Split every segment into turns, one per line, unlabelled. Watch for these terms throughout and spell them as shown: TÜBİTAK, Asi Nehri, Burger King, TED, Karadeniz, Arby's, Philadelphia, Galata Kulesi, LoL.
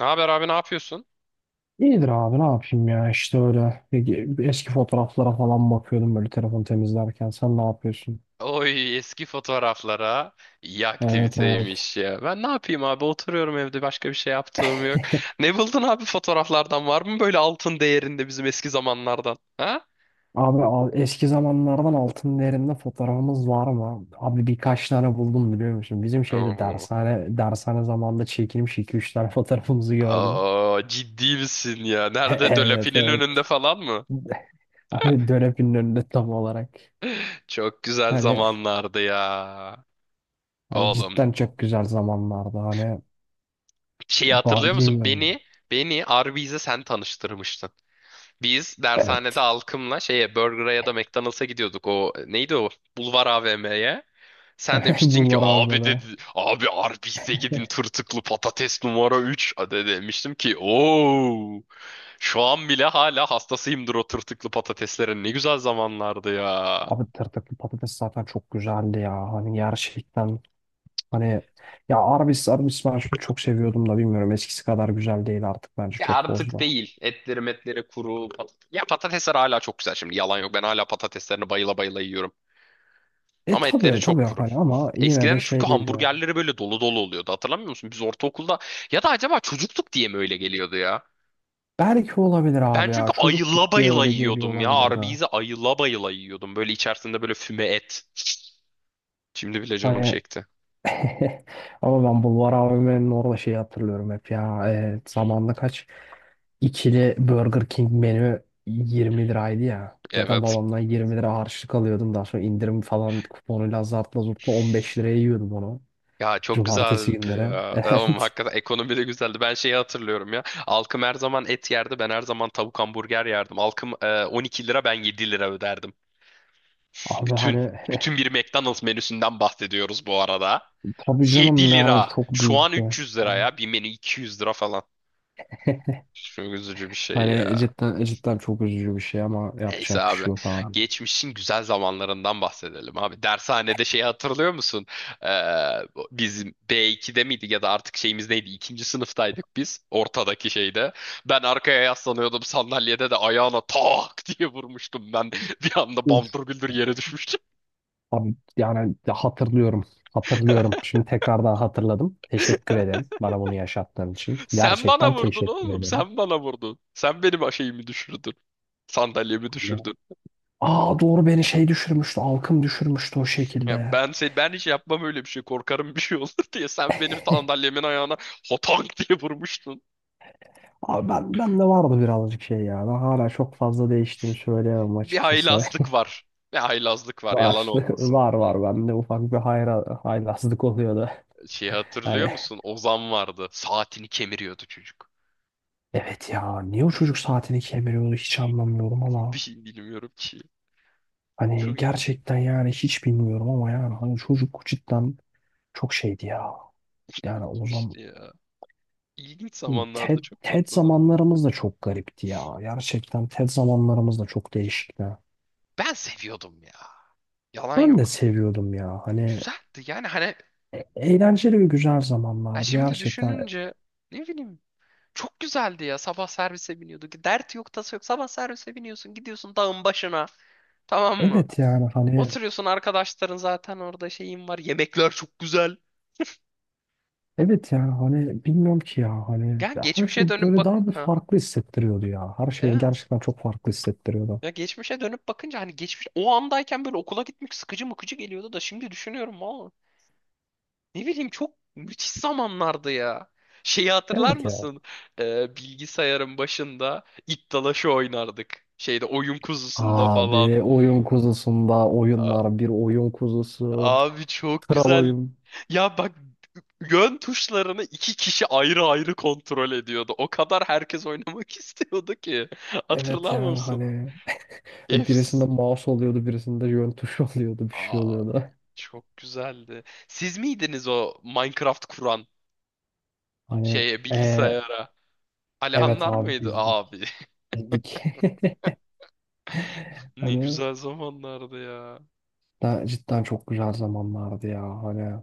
Ne haber abi, ne yapıyorsun?
İyidir abi ne yapayım ya işte öyle eski fotoğraflara falan bakıyordum böyle telefon temizlerken sen ne yapıyorsun?
Oy, eski fotoğraflara iyi
Evet, evet.
aktiviteymiş ya. Ben ne yapayım abi, oturuyorum evde, başka bir şey yaptığım yok. Ne buldun abi, fotoğraflardan var mı böyle altın değerinde bizim eski zamanlardan? Ha?
Abi eski zamanlardan altın değerinde fotoğrafımız var mı? Abi birkaç tane buldum biliyor musun? Bizim şeyde
Oo.
dershane zamanında çekilmiş iki üç tane fotoğrafımızı gördüm.
Aa, ciddi misin ya? Nerede,
Evet,
Dölapi'nin önünde
evet.
falan mı?
Abi dönepin önünde tam olarak.
Çok güzel
Hani
zamanlardı ya.
hani
Oğlum,
cidden çok güzel zamanlardı hani
şeyi hatırlıyor musun?
bilmiyorum ya.
Beni Arby's'e sen tanıştırmıştın. Biz dershanede
Evet.
alkımla şeye Burger'a ya da McDonald's'a gidiyorduk. O neydi o? Bulvar AVM'ye. Sen demiştin ki
Bunlar abi
abi,
de.
dedi abi Arby's'e gidin tırtıklı patates numara 3. De demiştim ki ooo, şu an bile hala hastasıyımdır o tırtıklı patateslerin, ne güzel zamanlardı ya.
Abi tırtıklı patates zaten çok güzeldi ya. Hani gerçekten hani ya Arby's ben şunu çok seviyordum da bilmiyorum eskisi kadar güzel değil artık bence
Ya
çok
artık
bozdu.
değil. Etleri metleri kuru. Pat ya, patatesler hala çok güzel şimdi, yalan yok. Ben hala patateslerini bayıla bayıla yiyorum.
E
Ama etleri
tabii,
çok
tabii
kuru.
hani ama yine de
Eskiden
şey
çünkü
değil ya.
hamburgerleri böyle dolu dolu oluyordu. Hatırlamıyor musun? Biz ortaokulda, ya da acaba çocukluk diye mi öyle geliyordu ya?
Belki olabilir
Ben
abi ya.
çünkü ayıla
Çocukluk diye
bayıla
öyle geliyor
yiyordum ya.
olabilir de.
Arby's'i ayıla bayıla yiyordum. Böyle içerisinde böyle füme et. Şimdi bile canım
Hani,
çekti.
ama ben Bulvar AVM'nin orada şeyi hatırlıyorum hep ya. Zamanında kaç? İkili Burger King menü 20 liraydı ya. Zaten
Evet.
babamdan 20 lira harçlık alıyordum. Daha sonra indirim falan kuponuyla zartla zurtla 15 liraya yiyordum onu.
Ya çok
Cumartesi
güzeldi
günleri.
ya. Ama
Evet.
hakikaten ekonomi de güzeldi. Ben şeyi hatırlıyorum ya. Alkım her zaman et yerdi. Ben her zaman tavuk hamburger yerdim. Alkım 12 lira, ben 7 lira öderdim.
Abi
Bütün.
hani,
Bütün bir McDonald's menüsünden bahsediyoruz bu arada.
tabii
7
canım yani
lira.
çok
Şu an
büyük bir
300 lira ya. Bir menü 200 lira falan.
şey.
Çok üzücü bir şey
Hani
ya.
cidden, cidden çok üzücü bir şey ama
Neyse
yapacak bir
abi.
şey yok abi.
Geçmişin güzel zamanlarından bahsedelim abi. Dershanede şeyi hatırlıyor musun? Ee, bizim B2'de miydik ya da artık şeyimiz neydi? İkinci sınıftaydık biz. Ortadaki şeyde. Ben arkaya yaslanıyordum sandalyede de ayağına tak diye vurmuştum ben. Bir anda bamdır güldür yere düşmüştüm.
Abi yani hatırlıyorum. Hatırlıyorum. Şimdi tekrardan hatırladım. Teşekkür ederim bana bunu yaşattığın için.
Sen bana
Gerçekten
vurdun
teşekkür
oğlum.
ederim.
Sen bana vurdun. Sen benim şeyimi düşürdün. Sandalyemi
Hani-
düşürdün.
Aa, doğru, beni şey düşürmüştü. Alkım düşürmüştü o
Ya
şekilde.
ben hiç yapmam öyle bir şey. Korkarım bir şey olur diye. Sen benim sandalyemin ayağına hotank diye vurmuştun.
Abi ben de vardı birazcık şey ya. Ben hala çok fazla değiştiğini söyleyemem
Bir
açıkçası.
haylazlık var. Bir haylazlık var,
Var.
yalan olmasın.
Var, var. Bende ufak bir haylazlık oluyordu.
Şeyi
Yani
hatırlıyor musun? Ozan vardı. Saatini kemiriyordu çocuk.
evet ya, niye o çocuk saatini kemiriyordu hiç anlamıyorum
Bir
ama
şey bilmiyorum ki.
hani
Çok
gerçekten yani hiç bilmiyorum ama yani hani çocuk cidden çok şeydi ya. Yani o zaman
ilginçti ya. İlginç zamanlarda,
TED,
çok
TED
tatlı zaman.
zamanlarımız da çok garipti ya. Gerçekten TED zamanlarımız da çok değişikti.
Ben seviyordum ya. Yalan
Ben de
yok.
seviyordum ya. Hani
Güzeldi yani hani,
eğlenceli ve güzel
ya
zamanlardı
şimdi
gerçekten.
düşününce ne bileyim. Çok güzeldi ya. Sabah servise biniyorduk. Dert yok, tası yok. Sabah servise biniyorsun, gidiyorsun dağın başına. Tamam mı?
Evet yani hani
Oturuyorsun, arkadaşların zaten orada, şeyin var. Yemekler çok güzel.
evet yani hani bilmiyorum ki ya hani
Ya
her şey
geçmişe dönüp
böyle
bak.
daha bir
Ha,
farklı hissettiriyordu ya. Her şey
evet.
gerçekten çok farklı hissettiriyordu.
Ya geçmişe dönüp bakınca hani geçmiş o andayken böyle okula gitmek sıkıcı mıkıcı geliyordu da, şimdi düşünüyorum valla, ne bileyim çok müthiş zamanlardı ya. Şeyi hatırlar
Evet ya.
mısın? Bilgisayarın başında iddalaşı oynardık. Şeyde oyun kuzusunda
Abi
falan.
oyun kuzusunda oyunlar, bir oyun kuzusu.
Abi çok
Kral
güzel.
oyun.
Ya bak, yön tuşlarını iki kişi ayrı ayrı kontrol ediyordu. O kadar herkes oynamak istiyordu ki.
Evet
Hatırlar
yani
mısın?
hani ve birisinde
Efs.
mouse oluyordu, birisinde yön tuşu oluyordu, bir şey
Aa,
oluyordu.
çok güzeldi. Siz miydiniz o Minecraft kuran
Hani
şeye,
e,
bilgisayara?
evet
Alihanlar
abi
mıydı
biz
abi?
bizdik.
Ne
Hani
güzel zamanlardı ya.
cidden çok güzel zamanlardı ya. Hani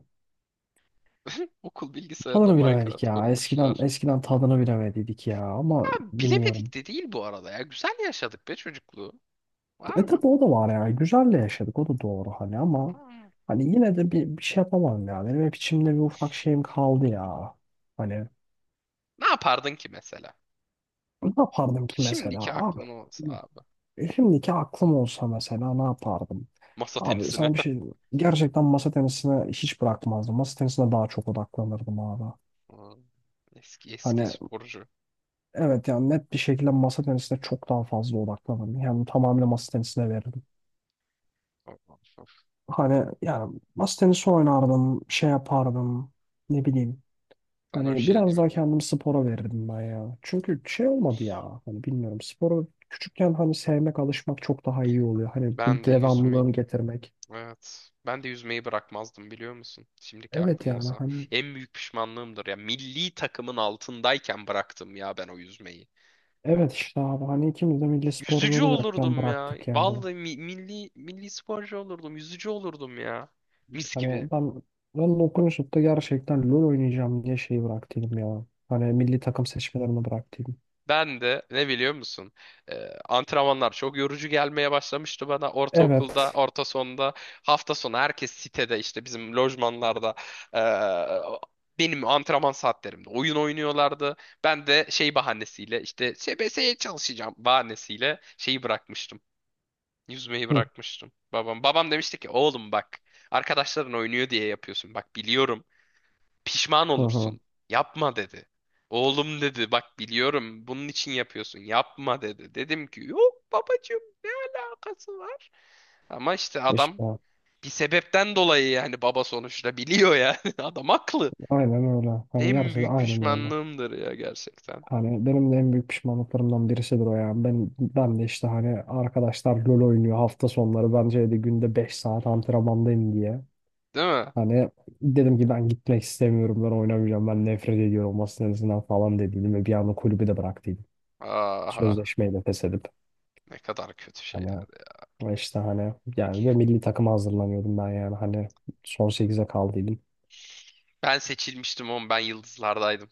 Okul bilgisayarına
tadını bilemedik
Minecraft
ya. Eskiden,
kurmuşlar.
eskiden tadını bilemediydik ya ama
Ya
bilmiyorum.
bilemedik de değil bu arada ya. Güzel yaşadık be çocukluğu. Var
E
mı?
tabi o da var ya. Güzelle yaşadık o da doğru hani ama
Hmm.
hani yine de bir şey yapamam ya. Benim hep içimde bir ufak şeyim kaldı ya. Hani
Ne yapardın ki mesela?
ne yapardım ki mesela
Şimdiki
abi?
aklım olsa abi.
Şimdiki aklım olsa mesela ne yapardım?
Masa
Abi
tenisine.
sana bir şey diyeyim mi? Gerçekten masa tenisine hiç bırakmazdım. Masa tenisine daha çok odaklanırdım abi.
Aa, eski eski
Hani
sporcu.
evet yani net bir şekilde masa tenisine çok daha fazla odaklanırdım. Yani tamamıyla masa tenisine verirdim.
Of, of, of.
Hani yani masa tenisi oynardım, şey yapardım, ne bileyim.
Sana bir
Hani
şey
biraz
diyeyim
daha
mi?
kendimi spora verirdim ben ya. Çünkü şey olmadı ya. Hani bilmiyorum, sporu küçükken hani sevmek, alışmak çok daha iyi oluyor. Hani bu,
Ben de yüzmeyi.
devamlılığını getirmek.
Evet. Ben de yüzmeyi bırakmazdım biliyor musun? Şimdiki
Evet
aklım
yani
olsa.
hani
En büyük pişmanlığımdır ya. Milli takımın altındayken bıraktım ya ben o yüzmeyi.
evet işte abi hani ikimiz de milli spor
Yüzücü
yolu yokken
olurdum ya.
bıraktık yani.
Vallahi milli sporcu olurdum. Yüzücü olurdum ya. Mis gibi.
Hani ben okumuşup da gerçekten LoL oynayacağım diye şeyi bıraktıydım ya. Hani milli takım seçmelerini bıraktıydım.
Ben de ne biliyor musun? Antrenmanlar çok yorucu gelmeye başlamıştı bana ortaokulda,
Evet.
orta sonda. Hafta sonu herkes sitede işte bizim lojmanlarda benim antrenman saatlerimde oyun oynuyorlardı. Ben de şey bahanesiyle işte SBS'ye çalışacağım bahanesiyle şeyi bırakmıştım. Yüzmeyi
Hı,
bırakmıştım. Babam demişti ki oğlum bak, arkadaşların oynuyor diye yapıyorsun. Bak biliyorum, pişman
hı, hı.
olursun. Yapma dedi. Oğlum dedi, bak biliyorum bunun için yapıyorsun. Yapma dedi. Dedim ki yok babacığım, alakası var. Ama işte adam
İşte
bir sebepten dolayı yani, baba sonuçta biliyor yani. Adam haklı.
aynen öyle. Hani
En
gerçekten
büyük
aynen öyle.
pişmanlığımdır ya gerçekten.
Hani benim de en büyük pişmanlıklarımdan birisidir o, yani ben de işte hani arkadaşlar LoL oynuyor hafta sonları. Bence de günde 5 saat antrenmandayım diye.
Değil mi?
Hani dedim ki ben gitmek istemiyorum, ben oynamayacağım, ben nefret ediyorum masa tenisinden falan dediydim ve bir anda kulübü de bıraktıydım.
Aha,
Sözleşmeyi de feshedip
ne kadar kötü şeyler.
hani işte hani yani ve milli takıma hazırlanıyordum ben yani hani son sekize kaldıydım.
Ben seçilmiştim oğlum, ben yıldızlardaydım.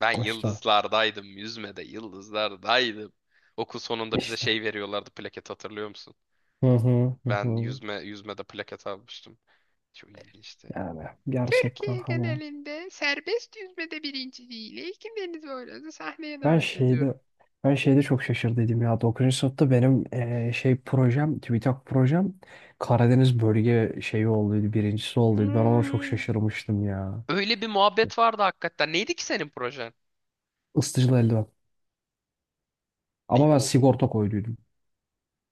Ben
İşte
yıldızlardaydım. Yüzmede yıldızlardaydım. Okul sonunda bize
işte.
şey veriyorlardı, plaket, hatırlıyor musun?
Hı hı, hı
Ben
hı.
yüzmede plaket almıştım. Çok ilginçti.
Yani gerçekten
Türkiye
hani
genelinde serbest yüzmede birinciliğiyle ilkin Deniz Boylarını sahneye
ben
davet
şeyde
ediyorum.
ben şeyde çok şaşırdıydım ya, 9. sınıfta benim şey projem, TÜBİTAK projem, Karadeniz bölge şeyi olduydu, birincisi olduydu, ben ona çok
Hmm.
şaşırmıştım ya.
Öyle bir muhabbet vardı hakikaten. Neydi ki senin projen?
Isıtıcılı eldiven. Ama ben
O
sigorta koyduydum.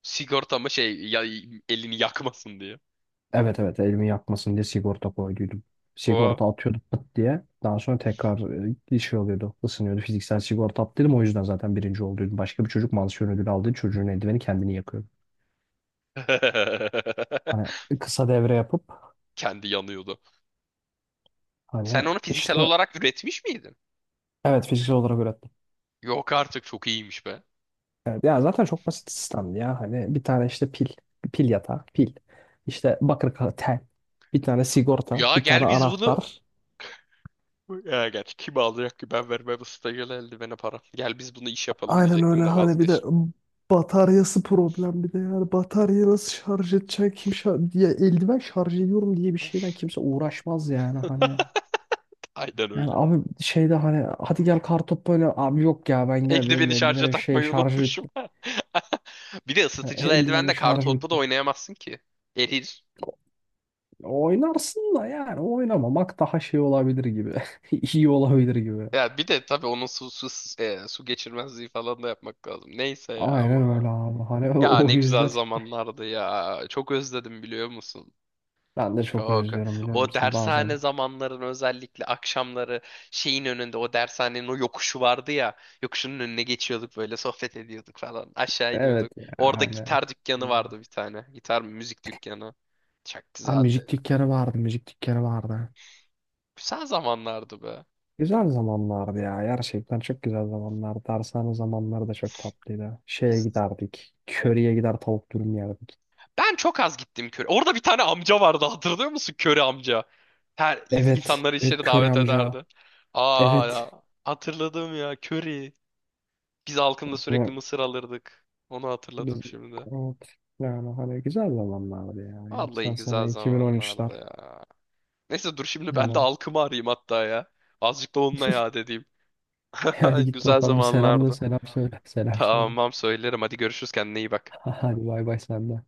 sigorta mı şey ya, elini yakmasın diye.
Evet, evet, elimi yakmasın diye sigorta koyduydum.
O.
Sigorta atıyordu pıt diye. Daha sonra tekrar bir şey oluyordu. Isınıyordu. Fiziksel sigorta attıydım. O yüzden zaten birinci olduydum. Başka bir çocuk, mansiyon ödülü aldığı çocuğun eldiveni kendini yakıyordu. Hani kısa devre yapıp
Kendi yanıyordu. Sen
hani
onu fiziksel
işte
olarak üretmiş miydin?
evet fiziksel olarak ürettim.
Yok artık, çok iyiymiş be.
Evet, ya zaten çok basit sistemdi ya. Hani bir tane işte pil. Pil yatağı. Pil. İşte bakır kağıt tel. Bir tane sigorta.
Ya
Bir tane
gel biz bunu.
anahtar.
Ya gerçi kim alacak ki, ben vermem stajyere eldivene para. Gel biz bunu iş yapalım
Aynen öyle
diyecektim de
hani bir de
vazgeçtim.
bataryası problem, bir de yani bataryayı nasıl şarj edecek, kim şarj diye eldiven şarj ediyorum diye bir şeyle kimse uğraşmaz, yani hani
Aynen
yani
öyle.
abi şeyde hani hadi gel kartopu böyle, abi yok ya ben gel, benim
Eldiveni şarja
eldivenin şey
takmayı
şarjı
unutmuşum.
bitti.
Bir de
Hani
ısıtıcılı
eldivenin
eldivenle
şarjı
kartopu da
bitmiş
oynayamazsın ki. Erir.
oynarsın da, yani oynamamak daha şey olabilir gibi, iyi olabilir gibi,
Ya bir de tabii onun su geçirmezliği falan da yapmak lazım. Neyse ya,
aynen
ama.
öyle abi hani
Ya
o o
ne güzel
yüzden
zamanlardı ya. Çok özledim biliyor musun?
ben de çok
Çok.
özlüyorum biliyor
O
musun
dershane
bazen,
zamanların özellikle akşamları, şeyin önünde, o dershanenin o yokuşu vardı ya. Yokuşun önüne geçiyorduk böyle, sohbet ediyorduk falan. Aşağı
evet
iniyorduk. Orada
yani
gitar dükkanı vardı bir tane. Gitar mı, müzik dükkanı. Çok
abi
güzeldi.
müzik dükkanı vardı, müzik dükkanı vardı.
Güzel zamanlardı be.
Güzel zamanlardı ya. Gerçekten çok güzel zamanlardı. Dershane zamanları da çok tatlıydı. Şeye
Biz
giderdik. Köriye gider tavuk dürüm yerdik.
Ben çok az gittim köre. Orada bir tane amca vardı, hatırlıyor musun? Köre amca. Her
Evet.
insanları
Evet,
içeri
köri
davet
amca.
ederdi. Aa ya.
Evet.
Hatırladım ya, köri. Biz halkımla
Ne,
sürekli mısır alırdık. Onu
biz,
hatırladım şimdi.
evet. Yani hani güzel zamanlardı ya.
Vallahi
Gerçekten
güzel
sene 2013'ler.
zamanlardı ya. Neyse, dur şimdi ben de
Hani.
halkımı arayayım hatta ya. Azıcık da onunla yad edeyim.
Hadi git
Güzel
bakalım. Selam, da
zamanlardı.
selam söyle. Selam söyle.
Tamam söylerim. Hadi görüşürüz, kendine iyi bak.
Hadi, bay bay sen de.